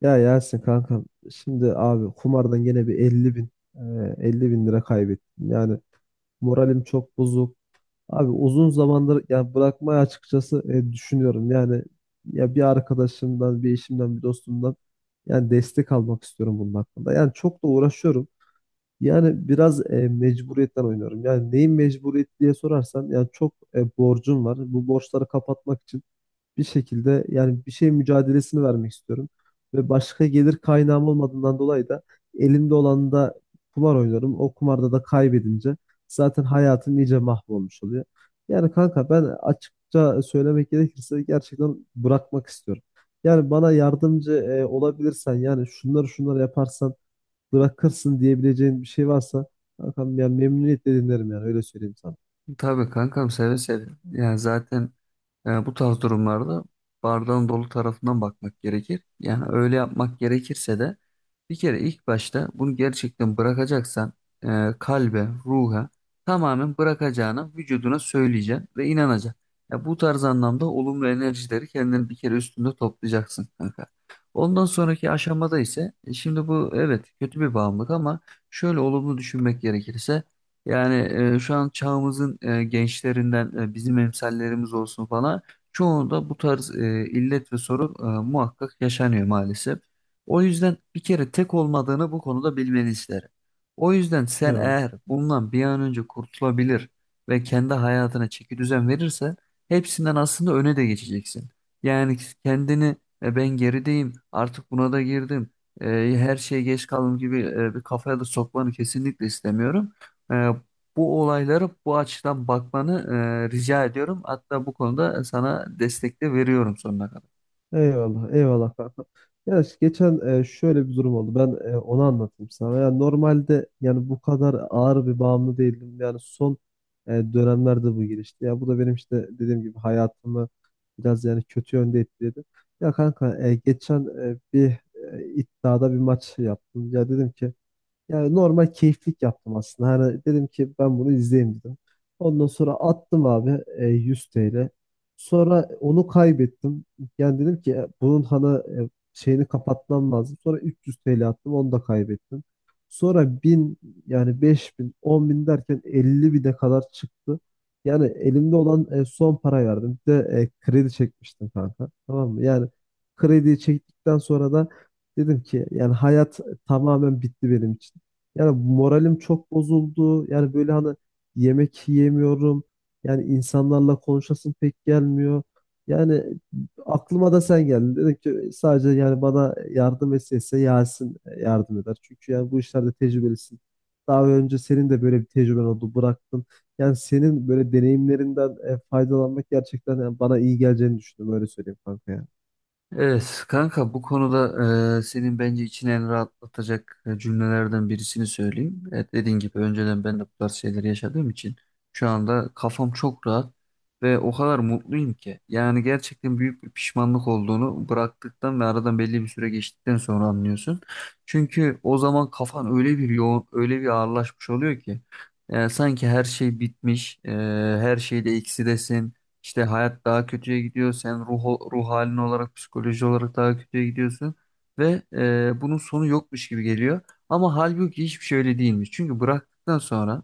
Ya Yasin kankam, şimdi abi kumardan gene bir 50 bin lira kaybettim. Yani moralim çok bozuk. Abi uzun zamandır yani bırakmayı açıkçası düşünüyorum. Yani ya bir arkadaşımdan, bir eşimden, bir dostumdan yani destek almak istiyorum bunun hakkında. Yani çok da uğraşıyorum. Yani biraz mecburiyetten oynuyorum. Yani neyin mecburiyeti diye sorarsan yani çok borcum var. Bu borçları kapatmak için bir şekilde yani bir şey mücadelesini vermek istiyorum. Ve başka gelir kaynağım olmadığından dolayı da elimde olan da kumar oynarım. O kumarda da kaybedince zaten hayatım iyice mahvolmuş oluyor. Yani kanka ben açıkça söylemek gerekirse gerçekten bırakmak istiyorum. Yani bana yardımcı olabilirsen yani şunları şunları yaparsan bırakırsın diyebileceğin bir şey varsa kankam yani memnuniyetle dinlerim, yani öyle söyleyeyim sana. Tabii kankam, seve seve. Yani zaten bu tarz durumlarda bardağın dolu tarafından bakmak gerekir. Yani öyle yapmak gerekirse de bir kere ilk başta bunu gerçekten bırakacaksan kalbe, ruha tamamen bırakacağını vücuduna söyleyeceksin ve inanacak. Ya bu tarz anlamda olumlu enerjileri kendini bir kere üstünde toplayacaksın kanka. Ondan sonraki aşamada ise şimdi bu evet kötü bir bağımlılık ama şöyle olumlu düşünmek gerekirse yani şu an çağımızın gençlerinden bizim emsallerimiz olsun falan çoğunda bu tarz illet ve sorun muhakkak yaşanıyor maalesef. O yüzden bir kere tek olmadığını bu konuda bilmeni isterim. O yüzden sen Eyvallah. eğer bundan bir an önce kurtulabilir ve kendi hayatına çeki düzen verirsen hepsinden aslında öne de geçeceksin. Yani kendini ben gerideyim artık buna da girdim, e, her şeye geç kaldım gibi bir kafaya da sokmanı kesinlikle istemiyorum. Ee, Bu olaylara bu açıdan bakmanı rica ediyorum. Hatta bu konuda sana destek de veriyorum sonuna kadar. Eyvallah, eyvallah kanka. Ya işte geçen şöyle bir durum oldu. Ben onu anlatayım sana. Yani normalde yani bu kadar ağır bir bağımlı değildim. Yani son dönemlerde bu gelişti. Ya bu da benim işte dediğim gibi hayatımı biraz yani kötü yönde etkiledi. Ya kanka geçen bir iddiada bir maç yaptım. Ya dedim ki yani normal keyiflik yaptım aslında. Hani dedim ki ben bunu izleyeyim dedim. Ondan sonra attım abi 100 TL. Sonra onu kaybettim. Yani dedim ki bunun hani şeyini kapatmam lazım. Sonra 300 TL attım, onu da kaybettim. Sonra bin, yani 5000, bin derken 50 bine kadar çıktı. Yani elimde olan son para verdim. Bir de kredi çekmiştim kanka. Tamam mı? Yani krediyi çektikten sonra da dedim ki yani hayat tamamen bitti benim için. Yani moralim çok bozuldu. Yani böyle hani yemek yiyemiyorum. Yani insanlarla konuşasım pek gelmiyor. Yani aklıma da sen geldin. Dedim ki sadece yani bana yardım etse Yasin yardım eder. Çünkü yani bu işlerde tecrübelisin. Daha önce senin de böyle bir tecrüben oldu, bıraktın. Yani senin böyle deneyimlerinden faydalanmak gerçekten yani bana iyi geleceğini düşündüm, öyle söyleyeyim kanka ya. Evet kanka, bu konuda senin bence içini en rahatlatacak cümlelerden birisini söyleyeyim. Evet, dediğin gibi önceden ben de bu tarz şeyleri yaşadığım için şu anda kafam çok rahat ve o kadar mutluyum ki. Yani gerçekten büyük bir pişmanlık olduğunu bıraktıktan ve aradan belli bir süre geçtikten sonra anlıyorsun. Çünkü o zaman kafan öyle bir yoğun, öyle bir ağırlaşmış oluyor ki. Yani sanki her şey bitmiş, her şeyde eksidesin. İşte hayat daha kötüye gidiyor. Sen ruh halin olarak, psikoloji olarak daha kötüye gidiyorsun. Ve bunun sonu yokmuş gibi geliyor. Ama halbuki hiçbir şey öyle değilmiş. Çünkü bıraktıktan sonra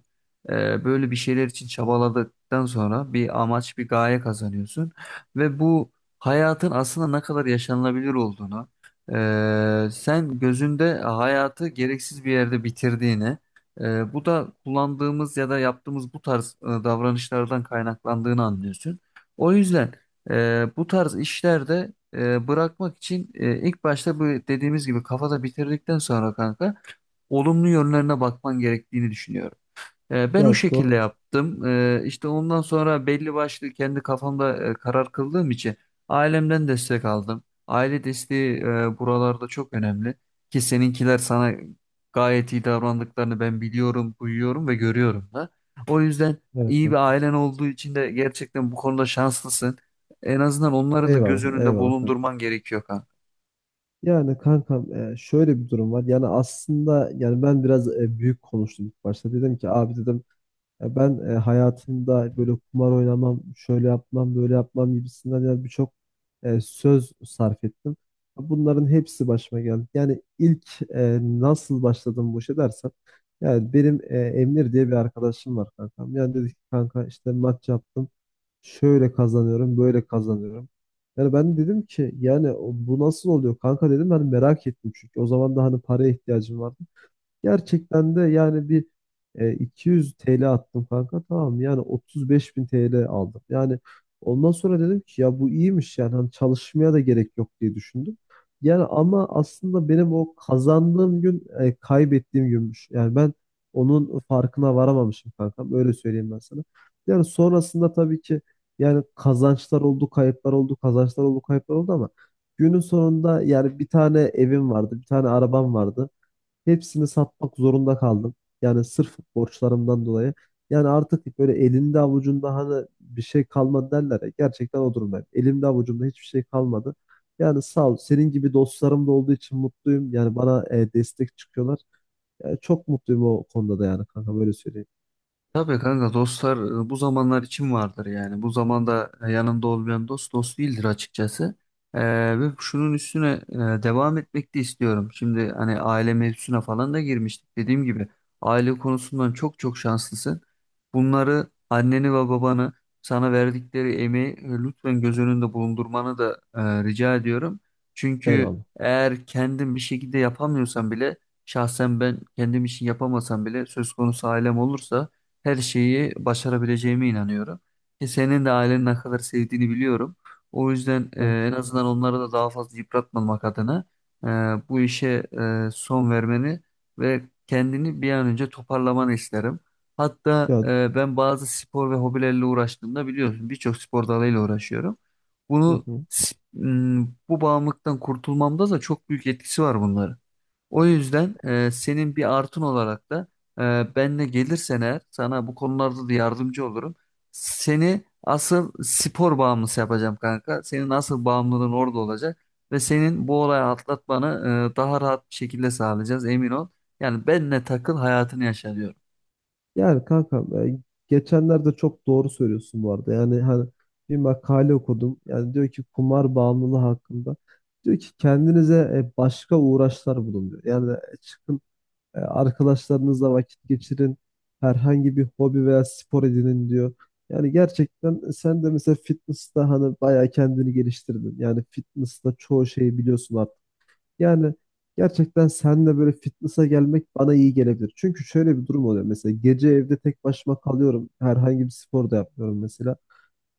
böyle bir şeyler için çabaladıktan sonra bir amaç, bir gaye kazanıyorsun. Ve bu hayatın aslında ne kadar yaşanılabilir olduğunu, sen gözünde hayatı gereksiz bir yerde bitirdiğini, bu da kullandığımız ya da yaptığımız bu tarz davranışlardan kaynaklandığını anlıyorsun. O yüzden bu tarz işlerde bırakmak için ilk başta bu dediğimiz gibi kafada bitirdikten sonra kanka olumlu yönlerine bakman gerektiğini düşünüyorum. Ben o Ya doğru. şekilde yaptım. İşte ondan sonra belli başlı kendi kafamda karar kıldığım için ailemden destek aldım. Aile desteği buralarda çok önemli. Ki seninkiler sana gayet iyi davrandıklarını ben biliyorum, duyuyorum ve görüyorum da. O yüzden Evet iyi bir kanka. ailen olduğu için de gerçekten bu konuda şanslısın. En azından onları da göz Eyvallah, önünde eyvallah kanka. bulundurman gerekiyor kanka. Yani kankam şöyle bir durum var. Yani aslında yani ben biraz büyük konuştum ilk başta. Dedim ki abi, dedim ben hayatımda böyle kumar oynamam, şöyle yapmam, böyle yapmam" gibisinden yani birçok söz sarf ettim. Bunların hepsi başıma geldi. Yani ilk nasıl başladım bu işe dersen, yani benim Emir diye bir arkadaşım var kankam. Yani dedi ki kanka işte maç yaptım. Şöyle kazanıyorum, böyle kazanıyorum. Yani ben dedim ki yani bu nasıl oluyor kanka dedim. Ben merak ettim çünkü. O zaman da hani paraya ihtiyacım vardı. Gerçekten de yani bir 200 TL attım kanka, tamam, yani 35 bin TL aldım. Yani ondan sonra dedim ki ya bu iyiymiş, yani hani çalışmaya da gerek yok diye düşündüm. Yani ama aslında benim o kazandığım gün kaybettiğim günmüş. Yani ben onun farkına varamamışım kankam, öyle söyleyeyim ben sana. Yani sonrasında tabii ki yani kazançlar oldu kayıplar oldu kazançlar oldu kayıplar oldu, ama günün sonunda yani bir tane evim vardı, bir tane arabam vardı. Hepsini satmak zorunda kaldım. Yani sırf borçlarımdan dolayı. Yani artık böyle elinde avucunda hani bir şey kalmadı derler ya. Gerçekten o durumdayım. Elimde avucumda hiçbir şey kalmadı. Yani sağ ol. Senin gibi dostlarım da olduğu için mutluyum. Yani bana destek çıkıyorlar. Yani çok mutluyum o konuda da, yani kanka böyle söyleyeyim. Tabii kanka, dostlar bu zamanlar için vardır yani. Bu zamanda yanında olmayan dost dost değildir açıkçası. E, Ve şunun üstüne devam etmek de istiyorum. Şimdi hani aile mevzusuna falan da girmiştik. Dediğim gibi aile konusundan çok çok şanslısın. Bunları, anneni ve babanı sana verdikleri emeği lütfen göz önünde bulundurmanı da rica ediyorum. Çünkü Eyvallah. eğer kendin bir şekilde yapamıyorsan bile, şahsen ben kendim için yapamasam bile söz konusu ailem olursa her şeyi başarabileceğime inanıyorum. Ki senin de ailenin ne kadar sevdiğini biliyorum. O yüzden Evet. en azından onları da daha fazla yıpratmamak adına e, bu işe son vermeni ve kendini bir an önce toparlamanı isterim. Hatta Ya ben bazı spor ve hobilerle uğraştığımda biliyorsun birçok spor dalıyla uğraşıyorum. hı hı. Bu bağımlılıktan kurtulmamda da çok büyük etkisi var bunların. O yüzden senin bir artın olarak da benle gelirsen eğer sana bu konularda da yardımcı olurum. Seni asıl spor bağımlısı yapacağım kanka. Senin asıl bağımlılığın orada olacak ve senin bu olayı atlatmanı daha rahat bir şekilde sağlayacağız, emin ol. Yani benle takıl, hayatını yaşa diyorum. Yani kanka e, geçenlerde çok doğru söylüyorsun bu arada. Yani hani bir makale okudum. Yani diyor ki kumar bağımlılığı hakkında. Diyor ki kendinize başka uğraşlar bulun diyor. Yani çıkın arkadaşlarınızla vakit geçirin. Herhangi bir hobi veya spor edinin diyor. Yani gerçekten sen de mesela fitness'ta hani bayağı kendini geliştirdin. Yani fitness'ta çoğu şeyi biliyorsun artık. Yani gerçekten seninle böyle fitness'a gelmek bana iyi gelebilir. Çünkü şöyle bir durum oluyor. Mesela gece evde tek başıma kalıyorum. Herhangi bir spor da yapmıyorum mesela.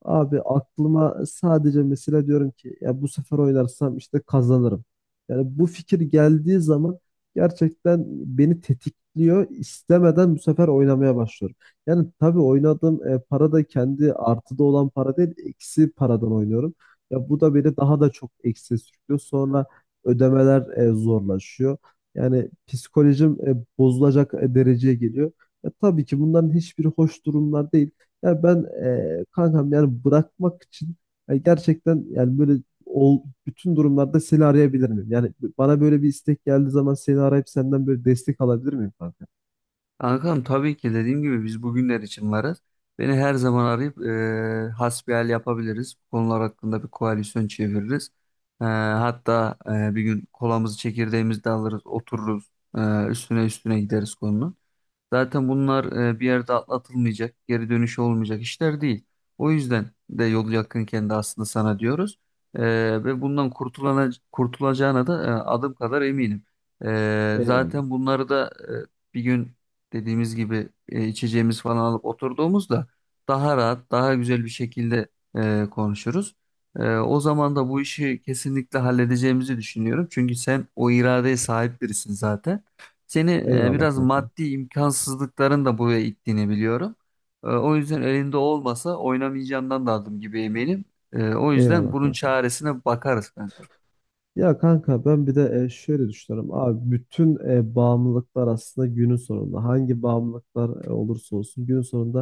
Abi aklıma sadece mesela diyorum ki ya bu sefer oynarsam işte kazanırım. Yani bu fikir geldiği zaman gerçekten beni tetikliyor. İstemeden bu sefer oynamaya başlıyorum. Yani tabii oynadığım para da kendi artıda olan para değil, eksi paradan oynuyorum. Ya bu da beni daha da çok eksiye sürüklüyor. Sonra ödemeler zorlaşıyor. Yani psikolojim bozulacak dereceye geliyor. Ya tabii ki bunların hiçbiri hoş durumlar değil. Yani ben kankam, yani bırakmak için yani gerçekten yani böyle bütün durumlarda seni arayabilir miyim? Yani bana böyle bir istek geldiği zaman seni arayıp senden böyle destek alabilir miyim kanka? Kankam, tabii ki dediğim gibi biz bugünler için varız. Beni her zaman arayıp hasbihal yapabiliriz. Bu konular hakkında bir koalisyon çeviririz. Hatta bir gün kolamızı, çekirdeğimizi de alırız, otururuz. Üstüne üstüne gideriz konunun. Zaten bunlar bir yerde atlatılmayacak, geri dönüşü olmayacak işler değil. O yüzden de yolu yakınken de aslında sana diyoruz. E, Ve bundan kurtulana, kurtulacağına da adım kadar eminim. Eyvallah. Zaten bunları da bir gün dediğimiz gibi içeceğimiz falan alıp oturduğumuzda daha rahat, daha güzel bir şekilde konuşuruz. O zaman da bu işi kesinlikle halledeceğimizi düşünüyorum. Çünkü sen o iradeye sahip birisin zaten. Seni Eyvallah biraz kankam. maddi imkansızlıkların da buraya ittiğini biliyorum. O yüzden elinde olmasa oynamayacağından da adım gibi eminim. O yüzden Eyvallah bunun kankam. çaresine bakarız kanka. Ya kanka ben bir de şöyle düşünüyorum. Abi bütün bağımlılıklar aslında günün sonunda, hangi bağımlılıklar olursa olsun, günün sonunda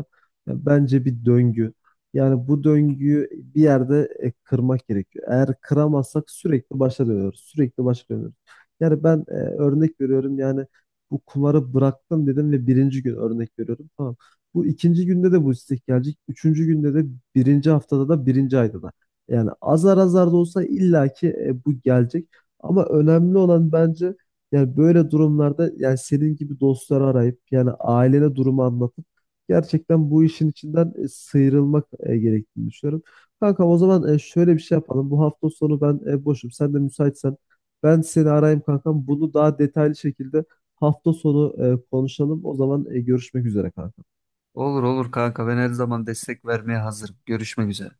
ya bence bir döngü. Yani bu döngüyü bir yerde kırmak gerekiyor. Eğer kıramazsak sürekli başa dönüyoruz. Sürekli başa dönüyoruz. Yani ben örnek veriyorum, yani bu kumarı bıraktım dedim ve birinci gün örnek veriyorum. Tamam. Bu ikinci günde de bu istek gelecek. Üçüncü günde de, birinci haftada da, birinci ayda da. Yani azar azar da olsa illaki bu gelecek. Ama önemli olan bence yani böyle durumlarda yani senin gibi dostları arayıp yani ailene durumu anlatıp gerçekten bu işin içinden sıyrılmak gerektiğini düşünüyorum. Kankam o zaman şöyle bir şey yapalım. Bu hafta sonu ben boşum. Sen de müsaitsen ben seni arayayım kankam. Bunu daha detaylı şekilde hafta sonu konuşalım. O zaman görüşmek üzere kankam. Olur olur kanka, ben her zaman destek vermeye hazırım. Görüşmek üzere.